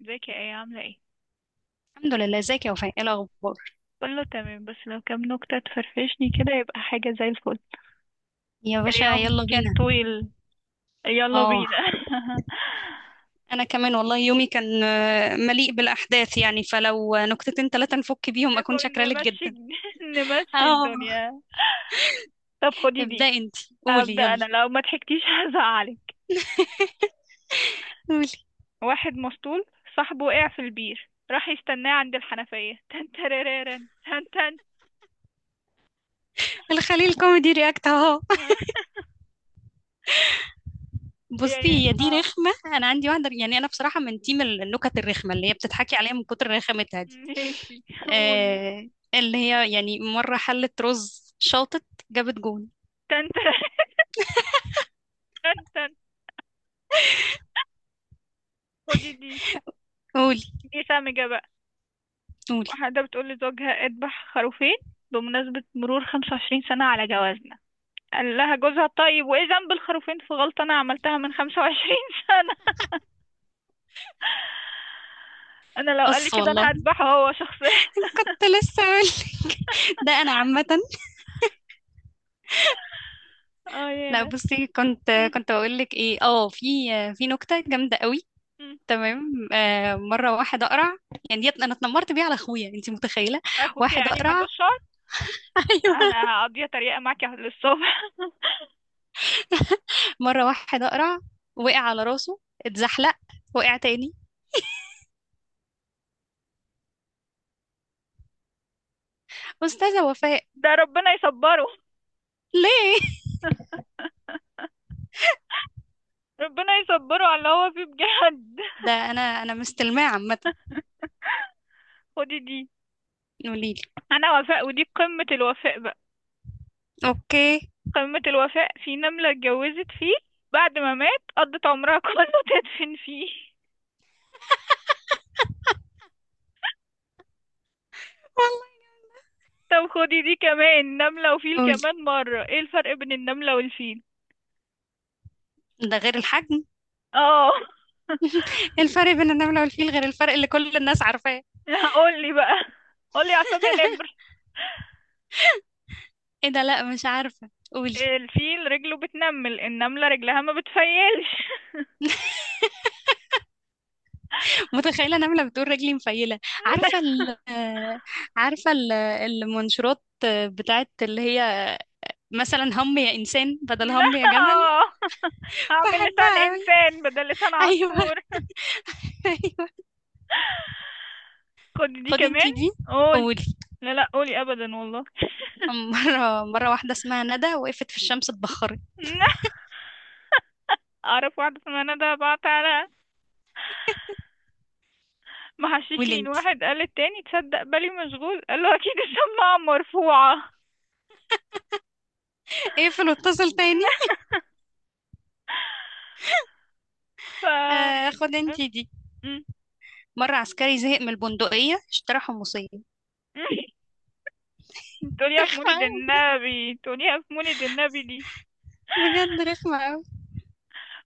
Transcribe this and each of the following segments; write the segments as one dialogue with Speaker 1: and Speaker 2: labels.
Speaker 1: ازيك يا ايه؟ عاملة ايه؟
Speaker 2: الحمد لله، ازيك يا وفاء؟ ايه الاخبار؟
Speaker 1: كله تمام بس لو كام نكتة تفرفشني كده يبقى حاجة زي الفل.
Speaker 2: يا باشا
Speaker 1: اليوم
Speaker 2: يلا
Speaker 1: كان
Speaker 2: بينا.
Speaker 1: طويل. يلا
Speaker 2: اه.
Speaker 1: بينا.
Speaker 2: انا كمان والله يومي كان مليء بالاحداث، يعني فلو نكتتين ثلاثه نفك بيهم اكون
Speaker 1: نفوق
Speaker 2: شاكره لك
Speaker 1: نمشي.
Speaker 2: جدا.
Speaker 1: نمشي
Speaker 2: اه،
Speaker 1: الدنيا. طب خدي دي.
Speaker 2: ابدأ انت. قولي
Speaker 1: هبدأ
Speaker 2: يلا.
Speaker 1: انا، لو ما ضحكتيش هزعلك.
Speaker 2: قولي.
Speaker 1: واحد مسطول صاحبه وقع في البير، راح يستناه عند الحنفية. تن ترررن تن تن.
Speaker 2: الخليل كوميدي رياكت اهو.
Speaker 1: يا يا
Speaker 2: بصي هي دي
Speaker 1: اه،
Speaker 2: رخمه، انا عندي واحده، يعني انا بصراحه من تيم النكت الرخمه اللي هي بتضحكي عليها من كتر رخامتها دي.
Speaker 1: ماشي. قولي.
Speaker 2: آه، اللي هي يعني مره حلت رز شاطت، جابت جون.
Speaker 1: تن تن تن تن. خدي دي.
Speaker 2: قولي.
Speaker 1: دي سامجة بقى.
Speaker 2: قولي.
Speaker 1: واحدة بتقول لزوجها اذبح خروفين بمناسبة مرور 25 سنة على جوازنا، قال لها جوزها طيب وايه ذنب الخروفين في غلطة انا عملتها من 25 سنة. انا لو قال لي
Speaker 2: قص
Speaker 1: كده
Speaker 2: والله.
Speaker 1: انا هذبحه هو شخصيا.
Speaker 2: كنت لسه اقول لك، ده انا عامه.
Speaker 1: اه، يا
Speaker 2: لا
Speaker 1: انا.
Speaker 2: بصي، كنت
Speaker 1: م-
Speaker 2: كنت بقول لك ايه، اه، في نكته جامده قوي.
Speaker 1: م.
Speaker 2: تمام. آه، مره واحد اقرع، يعني انا اتنمرت بيه على اخويا، انت متخيله؟
Speaker 1: اخوك
Speaker 2: واحد
Speaker 1: يعني ما
Speaker 2: اقرع.
Speaker 1: عندوش شعر.
Speaker 2: ايوه.
Speaker 1: انا هقضيها تريقة معاك للصبح.
Speaker 2: مره واحد اقرع وقع على راسه، اتزحلق، وقع تاني. استاذه وفاء.
Speaker 1: ده ربنا يصبره.
Speaker 2: ليه؟
Speaker 1: ربنا يصبره على اللي هو فيه بجد.
Speaker 2: ده انا مستلماه عامه.
Speaker 1: خدي دي.
Speaker 2: قولي لي.
Speaker 1: انا وفاء ودي قمة الوفاء بقى.
Speaker 2: اوكي.
Speaker 1: قمة الوفاء في نملة اتجوزت فيه، بعد ما مات قضت عمرها كله تدفن فيه.
Speaker 2: والله.
Speaker 1: طب خدي دي كمان. نملة وفيل،
Speaker 2: قولي.
Speaker 1: كمان مرة. ايه الفرق بين النملة والفيل؟
Speaker 2: ده غير الحجم.
Speaker 1: اه.
Speaker 2: الفرق بين النمله والفيل غير الفرق اللي كل الناس عارفاه.
Speaker 1: قولي بقى. قولي يا عصام يا نمر.
Speaker 2: ايه ده، لا مش عارفه، قولي.
Speaker 1: الفيل رجله بتنمل، النملة رجلها ما بتفيلش.
Speaker 2: متخيله انا عامله بتقول رجلي مفيله. عارفه ال، عارفه المنشورات، بتاعت اللي هي مثلا هم يا انسان بدل
Speaker 1: لا،
Speaker 2: هم يا جمل.
Speaker 1: هعمل لسان
Speaker 2: بحبها قوي.
Speaker 1: انسان بدل لسان
Speaker 2: ايوه.
Speaker 1: عصفور.
Speaker 2: ايوه.
Speaker 1: خدي دي
Speaker 2: خدي
Speaker 1: كمان.
Speaker 2: انتي دي.
Speaker 1: قولي.
Speaker 2: قولي.
Speaker 1: لا لا، قولي ابدا والله.
Speaker 2: مره واحده اسمها ندى وقفت في الشمس اتبخرت.
Speaker 1: اعرف واحدة اسمها ندى بعت على
Speaker 2: قولي
Speaker 1: محششين.
Speaker 2: انتي.
Speaker 1: واحد قال التاني تصدق بالي مشغول، قال له اكيد الشماعة مرفوعة.
Speaker 2: اقفل واتصل تاني.
Speaker 1: ف يعني
Speaker 2: خدي انتي دي. مره عسكري زهق من البندقيه اشترى حمصيه.
Speaker 1: م- تقوليها في
Speaker 2: رخمة
Speaker 1: مولد
Speaker 2: أوي،
Speaker 1: النبي، تقوليها في مولد النبي دي.
Speaker 2: بجد رخمه أوي.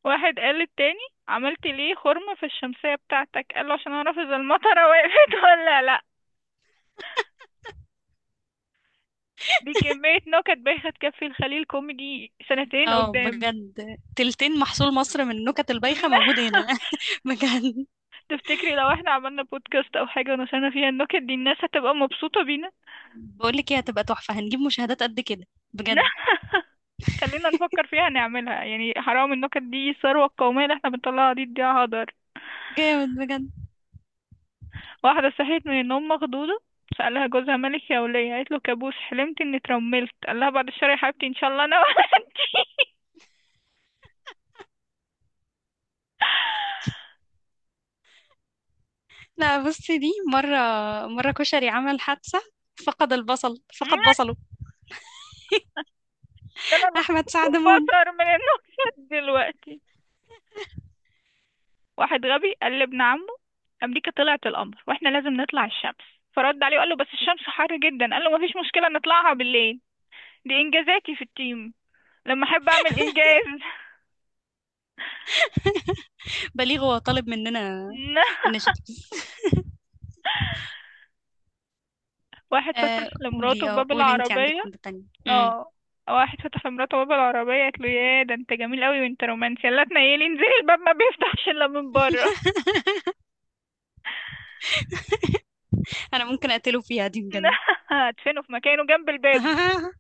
Speaker 1: واحد قال للتاني عملت ليه خرم في الشمسية بتاعتك، قال له عشان اعرف اذا المطرة وقفت ولا لا. دي كمية نكت بايخة تكفي الخليل كوميدي سنتين
Speaker 2: اه
Speaker 1: قدام.
Speaker 2: بجد، تلتين محصول مصر من النكت البايخة موجود هنا. بجد.
Speaker 1: تفتكري لو احنا عملنا بودكاست او حاجة ونشرنا فيها النكت دي الناس هتبقى مبسوطة بينا؟
Speaker 2: بقولك ايه، هتبقى تحفة، هنجيب مشاهدات قد كده. بجد.
Speaker 1: خلينا نفكر فيها نعملها، يعني حرام النكت دي، الثروة القومية اللي احنا بنطلعها دي تضيع هدر.
Speaker 2: جامد بجد.
Speaker 1: واحدة صحيت من النوم مخضوضة، سألها جوزها مالك يا ولية، قالت له كابوس حلمت اني اترملت، قال لها بعد الشر يا حبيبتي ان شاء الله انا وانتي.
Speaker 2: لا بصي، دي مرة كشري عمل حادثة، فقد البصل، فقد بصله.
Speaker 1: انا
Speaker 2: أحمد سعد مون.
Speaker 1: بصر من النكت دلوقتي. واحد غبي قال لابن عمه امريكا طلعت القمر واحنا لازم نطلع الشمس، فرد عليه وقال له بس الشمس حر جدا، قال له مفيش مشكله نطلعها بالليل. دي انجازاتي في التيم لما احب اعمل انجاز.
Speaker 2: بليغ هو طالب مننا النشاط.
Speaker 1: واحد فتح
Speaker 2: آه
Speaker 1: لمراته
Speaker 2: قولي، اه
Speaker 1: باب
Speaker 2: قولي انتي عندك
Speaker 1: العربيه.
Speaker 2: واحدة تانية. مم.
Speaker 1: اه. واحد فتح لمراته باب العربيه، قالت له يا ده انت جميل قوي وانت رومانسي، يلا تنيلي انزلي، الباب ما بيفتحش الا من بره.
Speaker 2: أنا ممكن أقتله فيها دي بجد.
Speaker 1: هدفنه في مكانه جنب الباب.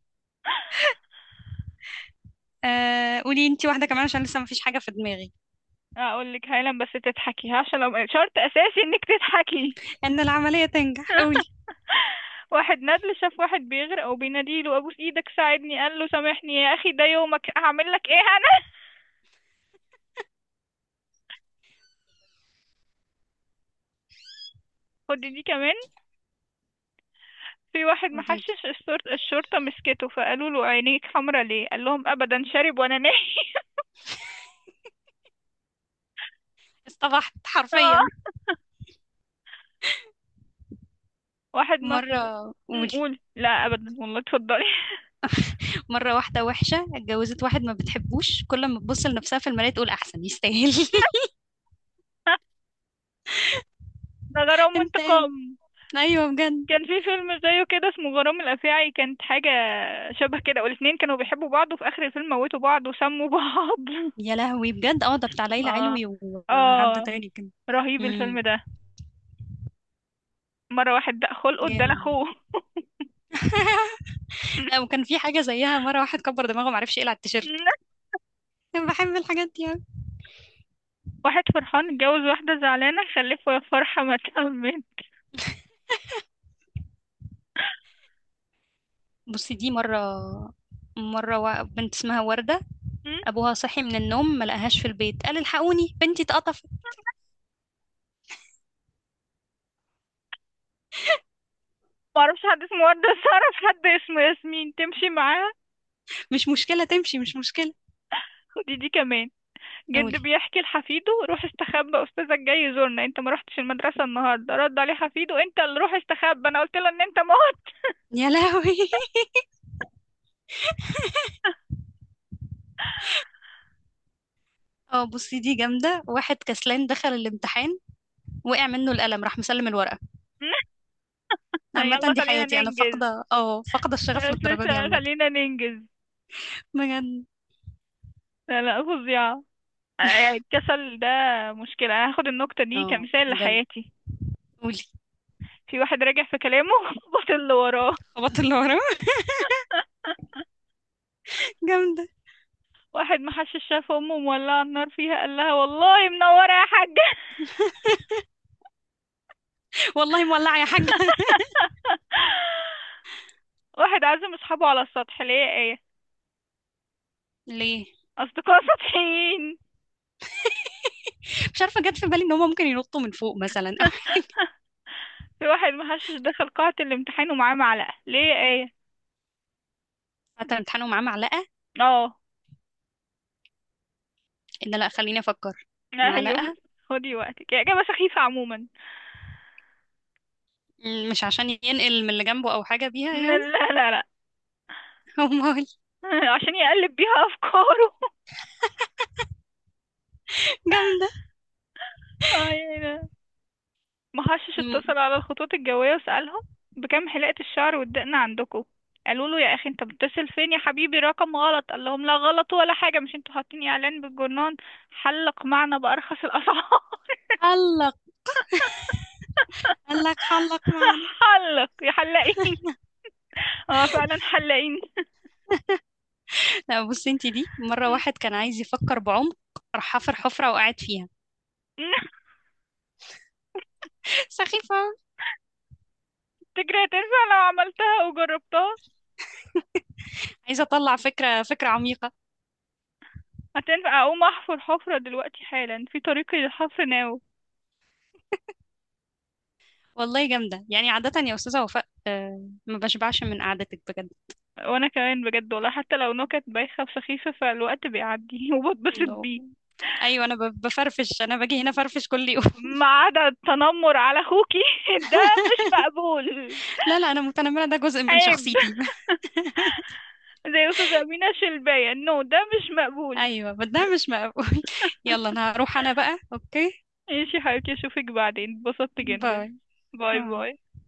Speaker 2: آه قولي انتي واحدة كمان عشان لسه مفيش حاجة في دماغي.
Speaker 1: اقول لك هايلا بس تضحكي، عشان لو شرط اساسي انك تضحكي.
Speaker 2: إن العملية تنجح، قولي.
Speaker 1: واحد ندل شاف واحد بيغرق وبيناديله ابوس ايدك ساعدني، قال له سامحني يا اخي ده يومك، هعمل لك ايه انا. خد دي كمان. في واحد
Speaker 2: قولي.
Speaker 1: محشش الشرطة مسكته، فقالوا له عينيك حمرا ليه، قال لهم ابدا شارب وانا نايم.
Speaker 2: اصطبحت حرفيا.
Speaker 1: آه. واحد مخبوق.
Speaker 2: مرة
Speaker 1: قول لا ابدا والله، اتفضلي.
Speaker 2: مرة واحدة وحشة اتجوزت واحد ما بتحبوش، كل ما تبص لنفسها في المراية تقول أحسن يستاهل.
Speaker 1: ده غرام
Speaker 2: انت
Speaker 1: وانتقام.
Speaker 2: قام. أيوه بجد.
Speaker 1: كان في فيلم زيه كده اسمه غرام الافاعي، كانت حاجة شبه كده، والاتنين كانوا بيحبوا بعض وفي اخر الفيلم موتوا بعض وسموا بعض.
Speaker 2: يا لهوي بجد، اه ده بتاع ليلى
Speaker 1: اه،
Speaker 2: علوي وحد
Speaker 1: اه،
Speaker 2: تاني كده.
Speaker 1: رهيب
Speaker 2: امم.
Speaker 1: الفيلم ده. مرة واحد دق خلقه ادالك
Speaker 2: جامد.
Speaker 1: اخوه.
Speaker 2: لا وكان في حاجة زيها، مرة واحد كبر دماغه معرفش يقلع التيشيرت. أنا بحب الحاجات دي أوي.
Speaker 1: واحد فرحان اتجوز واحدة زعلانة خلفه، يا فرحة ما تأمن.
Speaker 2: بصي دي مرة، بنت اسمها وردة، أبوها صحي من النوم ما لقاهاش في البيت قال الحقوني بنتي اتقطفت.
Speaker 1: معرفش حد اسمه وردة، بس أعرف حد اسمه ياسمين تمشي معاها.
Speaker 2: مش مشكلة تمشي، مش مشكلة.
Speaker 1: خدي دي كمان.
Speaker 2: قولي.
Speaker 1: جد بيحكي لحفيده روح استخبى أستاذك جاي يزورنا انت ما رحتش المدرسة النهاردة، رد عليه حفيده انت اللي روح استخبى انا قلت له ان انت موت.
Speaker 2: يا لهوي. اه بصي دي جامدة، واحد كسلان دخل الامتحان وقع منه القلم راح مسلم الورقة. عامة
Speaker 1: يلا
Speaker 2: دي
Speaker 1: خلينا
Speaker 2: حياتي، انا
Speaker 1: ننجز.
Speaker 2: فاقدة، اه، فاقدة الشغف
Speaker 1: مش
Speaker 2: للدرجة
Speaker 1: لسه،
Speaker 2: دي عامة.
Speaker 1: خلينا ننجز.
Speaker 2: بجد.
Speaker 1: لا لا فظيعة، يعني الكسل ده مشكلة. أنا هاخد النكتة دي
Speaker 2: اه
Speaker 1: كمثال
Speaker 2: بجد.
Speaker 1: لحياتي.
Speaker 2: قولي.
Speaker 1: في واحد راجع في كلامه وبطل اللي وراه.
Speaker 2: خبط اللي ورا. جامدة.
Speaker 1: واحد محشش شاف أمه مولعة النار فيها، قال لها والله منورة يا حاجة.
Speaker 2: والله مولعة يا حاجة.
Speaker 1: واحد عازم أصحابه على السطح، ليه يا آية؟
Speaker 2: ليه؟
Speaker 1: أصدقاء سطحيين.
Speaker 2: مش عارفة جت في بالي ان هما ممكن ينطوا من فوق مثلا او.
Speaker 1: في واحد محشش دخل قاعة الامتحان ومعاه معلقة، ليه يا آية؟
Speaker 2: حتى امتحانه معاه معلقة.
Speaker 1: اه.
Speaker 2: ان لا خليني افكر.
Speaker 1: أيوه.
Speaker 2: معلقة.
Speaker 1: خدي وقتك يا إجابة سخيفة عموما.
Speaker 2: مم، مش عشان ينقل من اللي جنبه او حاجة بيها
Speaker 1: لا
Speaker 2: يعني.
Speaker 1: لا لا.
Speaker 2: امال.
Speaker 1: عشان يقلب بيها افكاره.
Speaker 2: جامدة.
Speaker 1: آه، يعني، محشش
Speaker 2: مم،
Speaker 1: اتصل على الخطوط الجوية وسألهم بكم حلقة الشعر والدقن عندكم، قالوا له يا اخي انت بتتصل فين يا حبيبي، رقم غلط، قال لهم لا غلط ولا حاجة، مش انتوا حاطين اعلان بالجرنان، حلق معنا بارخص الاسعار.
Speaker 2: حلق. قال لك حلق مع.
Speaker 1: حلق يا حلاقين. اه فعلا حلاقين.
Speaker 2: لا بصي انتي دي، مرة واحد كان عايز يفكر بعمق راح حفر حفرة وقعد فيها. سخيفة أوي.
Speaker 1: تجري هتنفع لو عملتها وجربتها؟
Speaker 2: عايزة أطلع فكرة عميقة.
Speaker 1: هتنفع، اقوم احفر حفرة دلوقتي حالا، في طريقي للحفر ناوي.
Speaker 2: والله جامدة، يعني عادة يا أستاذة وفاء ما بشبعش من قعدتك بجد.
Speaker 1: وانا كمان بجد والله، حتى لو نكت بايخة وسخيفة فالوقت بيعدي وبتبسط
Speaker 2: لو-
Speaker 1: بيه.
Speaker 2: أيوة أنا بفرفش، أنا باجي هنا فرفش كل يوم.
Speaker 1: ما عدا التنمر على اخوكي ده مش مقبول.
Speaker 2: لا لا، أنا متنمرة، ده جزء من
Speaker 1: عيب.
Speaker 2: شخصيتي.
Speaker 1: زي استاذة أمينة شلباية، نو ده مش مقبول.
Speaker 2: أيوة بس ده مش مقبول. يلا أنا هروح، أنا بقى، أوكي،
Speaker 1: ماشي يا حبيبتي، اشوفك بعدين، اتبسطت جدا.
Speaker 2: باي.
Speaker 1: باي باي.